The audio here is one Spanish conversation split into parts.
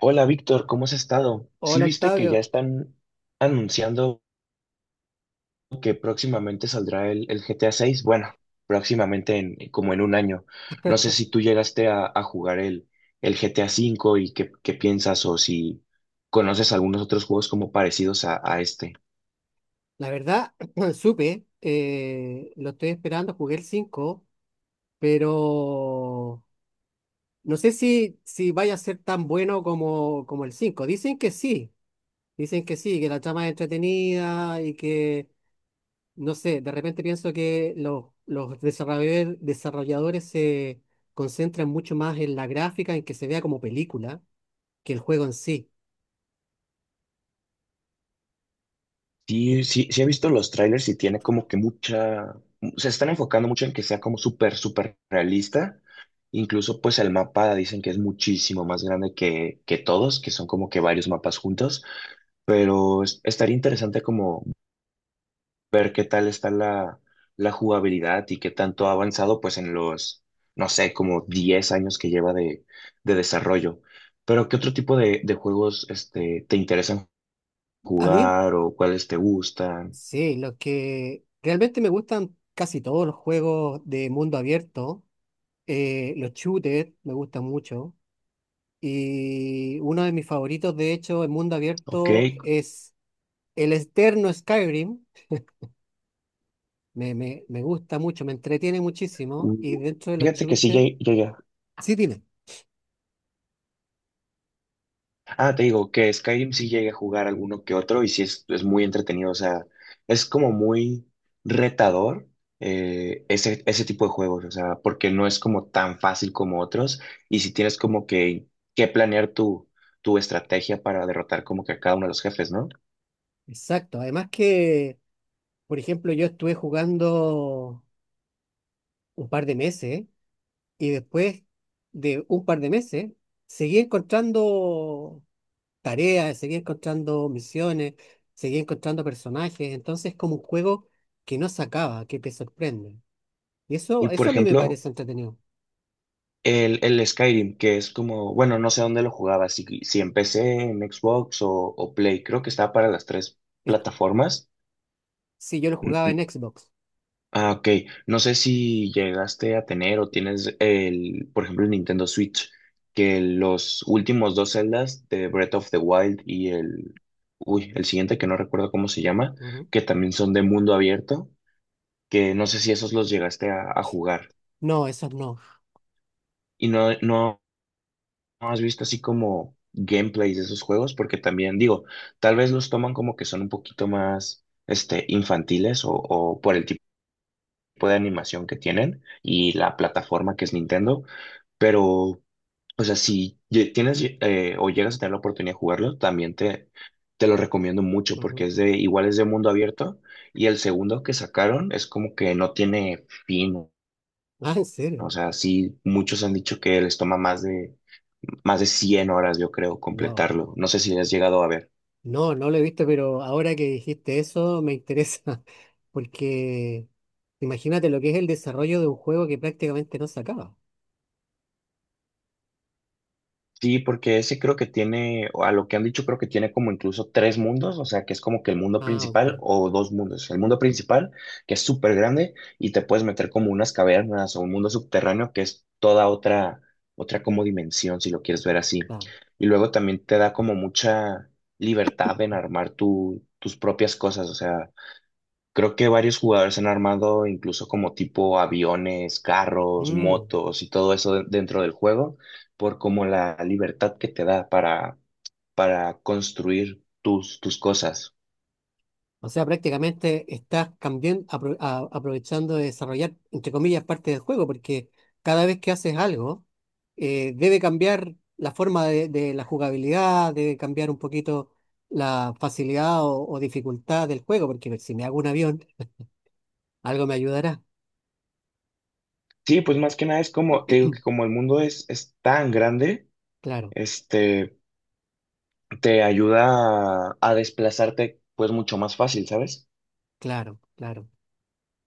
Hola Víctor, ¿cómo has estado? ¿Sí Hola viste que ya Octavio, están anunciando que próximamente saldrá el GTA 6? Bueno, próximamente en, como en un año. No sé si tú llegaste a jugar el GTA 5 y qué piensas, o si conoces algunos otros juegos como parecidos a este. la verdad supe, lo estoy esperando, jugué el 5, pero no sé si vaya a ser tan bueno como el 5. Dicen que sí, que la trama es entretenida y que, no sé, de repente pienso que los desarrolladores, desarrolladores se concentran mucho más en la gráfica, en que se vea como película, que el juego en sí. Sí, sí, sí, he visto los trailers y tiene como que mucha, se están enfocando mucho en que sea como súper realista. Incluso pues el mapa dicen que es muchísimo más grande que todos, que son como que varios mapas juntos, pero estaría interesante como ver qué tal está la jugabilidad y qué tanto ha avanzado pues en los, no sé, como 10 años que lleva de desarrollo. Pero ¿qué otro tipo de juegos, este, te interesan A mí jugar o cuáles te gustan? Sí, lo que realmente me gustan casi todos los juegos de mundo abierto. Los shooters me gustan mucho. Y uno de mis favoritos, de hecho, en mundo Ok. abierto es el externo Skyrim. Me gusta mucho, me entretiene muchísimo. Y Uh, dentro de los Fíjate que sí shooters, llega. sí, dime. Ah, te digo que Skyrim sí llega a jugar alguno que otro y sí es muy entretenido. O sea, es como muy retador, ese tipo de juegos. O sea, porque no es como tan fácil como otros. Y si tienes como que planear tu estrategia para derrotar como que a cada uno de los jefes, ¿no? Exacto. Además que, por ejemplo, yo estuve jugando un par de meses y después de un par de meses seguí encontrando. Tareas, seguía encontrando misiones, seguía encontrando personajes. Entonces, es como un juego que no se acaba, que te sorprende. Y Y eso, por eso a mí me ejemplo, parece entretenido. el Skyrim, que es como, bueno, no sé dónde lo jugaba, si, si empecé en PC, en Xbox o Play, creo que estaba para las tres Es- plataformas. si yo lo jugaba en Xbox. Ah, ok. No sé si llegaste a tener o tienes el, por ejemplo, el Nintendo Switch, que los últimos dos Zeldas, de Breath of the Wild y el, uy, el siguiente que no recuerdo cómo se llama, Ujú. que también son de mundo abierto, que no sé si esos los llegaste a jugar. No, esos no. Y no, no, no has visto así como gameplays de esos juegos, porque también digo, tal vez los toman como que son un poquito más, este, infantiles, o por el tipo de animación que tienen y la plataforma que es Nintendo, pero, o sea, si tienes, o llegas a tener la oportunidad de jugarlo, también te lo recomiendo mucho Ujú. porque es de, igual es de mundo abierto, y el segundo que sacaron es como que no tiene fin, Ah, ¿en serio? o sea, sí, muchos han dicho que les toma más de 100 horas, yo creo, Wow. completarlo. No sé si has llegado a ver. No, no lo he visto, pero ahora que dijiste eso me interesa, porque imagínate lo que es el desarrollo de un juego que prácticamente no se acaba. Sí, porque ese creo que tiene, o a lo que han dicho, creo que tiene como incluso tres mundos, o sea, que es como que el mundo Ah, principal ok. o dos mundos. El mundo principal, que es súper grande, y te puedes meter como unas cavernas o un mundo subterráneo, que es toda otra como dimensión, si lo quieres ver así. Ah. Y luego también te da como mucha libertad en armar tus propias cosas, o sea. Creo que varios jugadores han armado incluso como tipo aviones, carros, Mm. motos y todo eso dentro del juego, por como la libertad que te da para construir tus cosas. O sea, prácticamente estás cambiando, aprovechando de desarrollar, entre comillas, parte del juego, porque cada vez que haces algo, debe cambiar la forma de la jugabilidad, debe cambiar un poquito la facilidad o dificultad del juego, porque si me hago un avión, algo me ayudará. Sí, pues más que nada es como, te digo que como el mundo es tan grande, Claro, este, te ayuda a desplazarte pues mucho más fácil, ¿sabes? claro, claro.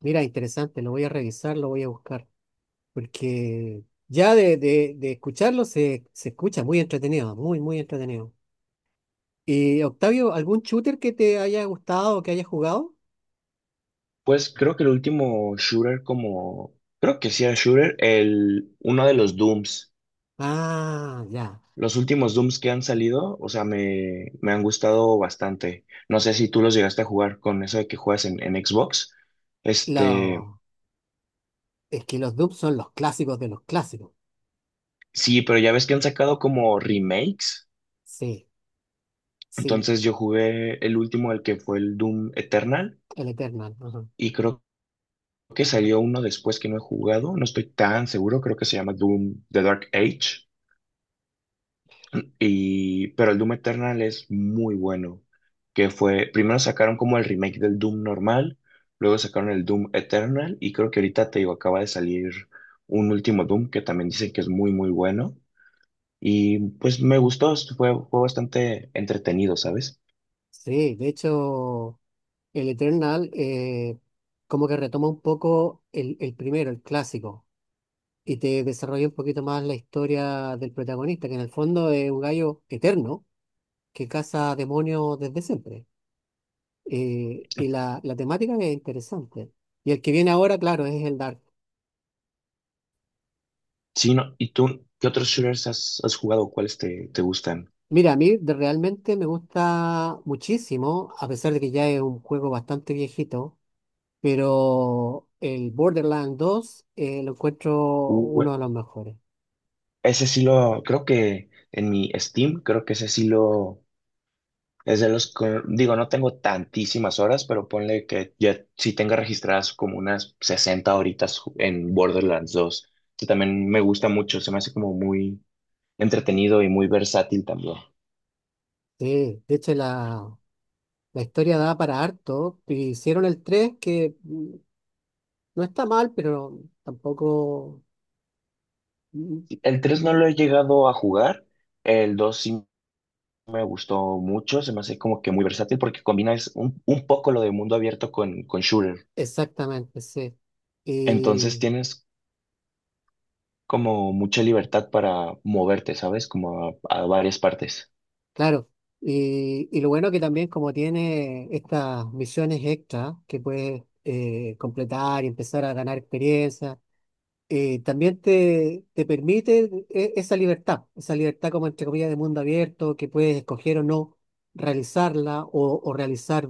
Mira, interesante, lo voy a revisar, lo voy a buscar, porque ya de escucharlo se escucha muy entretenido, muy, muy entretenido. Octavio, ¿algún shooter que te haya gustado o que hayas jugado? Pues creo que el último shooter como, creo que sí era shooter, el, uno de los Dooms. Ah, ya. Los últimos Dooms que han salido, o sea, me han gustado bastante. No sé si tú los llegaste a jugar con eso de que juegas en Xbox. Este, Lo- Es que los Doom son los clásicos de los clásicos. sí, pero ya ves que han sacado como remakes. Sí, sí, Entonces yo jugué el último, el que fue el Doom Eternal, el Eternal. Ajá. y creo que salió uno después que no he jugado. No estoy tan seguro, creo que se llama Doom The Dark Age. Y, pero el Doom Eternal es muy bueno, que fue, primero sacaron como el remake del Doom normal, luego sacaron el Doom Eternal, y creo que ahorita te digo, acaba de salir un último Doom que también dicen que es muy, muy bueno. Y pues me gustó, esto fue, fue bastante entretenido, ¿sabes? Sí, de hecho, el Eternal, como que retoma un poco el primero, el clásico, y te desarrolla un poquito más la historia del protagonista, que en el fondo es un gallo eterno que caza demonios desde siempre. Y la temática es interesante. Y el que viene ahora, claro, es el Dark. Sí, no, ¿y tú qué otros shooters has, has jugado? ¿Cuáles te, te gustan? Mira, a mí realmente me gusta muchísimo, a pesar de que ya es un juego bastante viejito, pero el Borderlands dos, lo encuentro Uh, uno de los mejores. ese sí lo, creo que en mi Steam, creo que ese sí lo. Es de los, digo, no tengo tantísimas horas, pero ponle que ya sí tenga registradas como unas 60 horitas en Borderlands dos, que también me gusta mucho, se me hace como muy entretenido y muy versátil también. Sí, de hecho la historia da para harto. Y hicieron el tres, que no está mal, pero tampoco. Mm. El tres no Mm. lo he llegado a jugar, el 2 sí me gustó mucho, se me hace como que muy versátil porque combina es un poco lo de mundo abierto con shooter. Exactamente, sí. Entonces tienes como mucha libertad para moverte, ¿sabes? Como a varias partes. Claro, y lo bueno que también como tiene estas misiones extra que puedes, completar y empezar a ganar experiencia, también te permite esa libertad, esa libertad, como entre comillas, de mundo abierto, que puedes escoger o no realizarla o realizar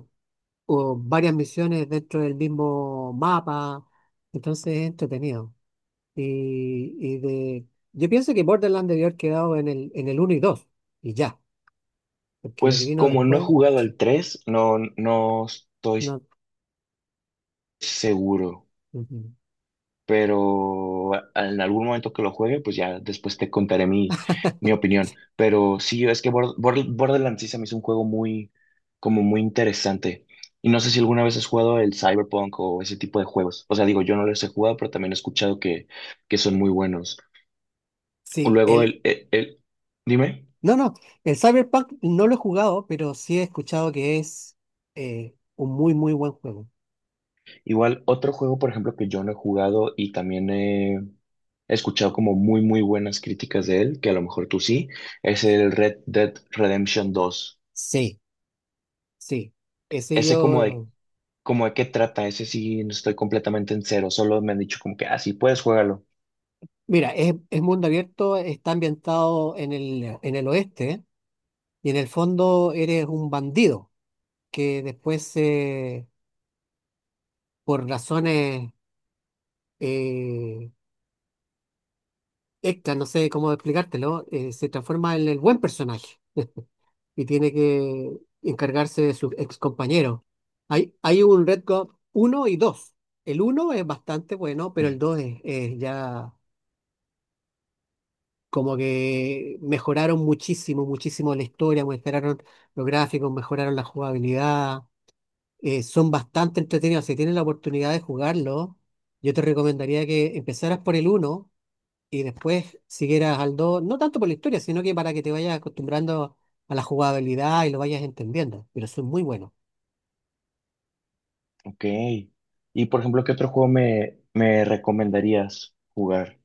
o varias misiones dentro del mismo mapa, entonces es entretenido. Y, yo pienso que Borderlands debió haber quedado en el uno y 2 y ya, porque lo que Pues vino como no he después. jugado al 3 no, no estoy No, seguro, ujú. pero en algún momento que lo juegue, pues ya después te contaré mi, mi opinión. Pero sí, es que Borderlands sí se me hizo un juego muy, como muy interesante. Y no sé si alguna vez has jugado el Cyberpunk o ese tipo de juegos. O sea, digo, yo no los he jugado, pero también he escuchado que son muy buenos. sí, Luego el, dime. no, no, el Cyberpunk no lo he jugado, pero sí he escuchado que es, un muy, muy buen juego. Igual, otro juego, por ejemplo, que yo no he jugado y también he escuchado como muy, muy buenas críticas de él, que a lo mejor tú sí, es el Red Dead Redemption 2. Sí, sí, ese Ese yo, como de qué trata, ese sí no estoy completamente en cero, solo me han dicho como que, ah, sí, puedes jugarlo. mira, es mundo abierto, está ambientado en el oeste y en el fondo eres un bandido que después, por razones, eh, Ekta, no sé cómo explicártelo, se transforma en el buen personaje y tiene que encargarse de sus ex compañeros. Hay un Red Guard uno y dos. El uno es bastante bueno, pero el 2 es, ya como que mejoraron muchísimo, muchísimo la historia, mejoraron los gráficos, mejoraron la jugabilidad. Son bastante entretenidos. Si tienes la oportunidad de jugarlo, yo te recomendaría que empezaras por el uno y después siguieras al dos, no tanto por la historia, sino que para que te vayas acostumbrando a la jugabilidad y lo vayas entendiendo, pero son muy buenos. Ok. Y, por ejemplo, ¿qué otro juego me, me recomendarías jugar?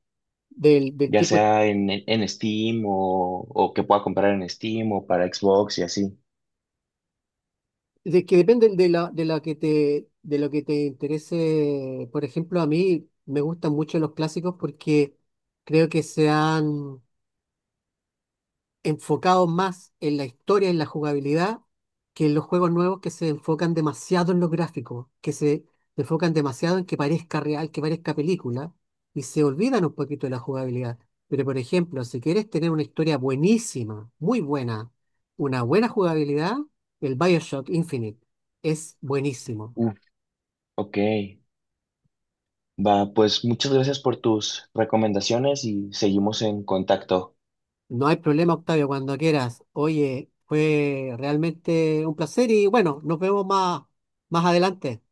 Del Ya tipo, sea en Steam o que pueda comprar en Steam o para Xbox y así. de que depende de la de lo que te interese. Por ejemplo, a mí me gustan mucho los clásicos porque creo que se han enfocados más en la historia, en la jugabilidad, que en los juegos nuevos que se enfocan demasiado en los gráficos, que se enfocan demasiado en que parezca real, que parezca película, y se olvidan un poquito de la jugabilidad. Pero, por ejemplo, si quieres tener una historia buenísima, muy buena, una buena jugabilidad, el BioShock Infinite es buenísimo. Uf, ok. Va, pues muchas gracias por tus recomendaciones y seguimos en contacto. No hay problema, Octavio, cuando quieras. Oye, fue realmente un placer y bueno, nos vemos más, adelante.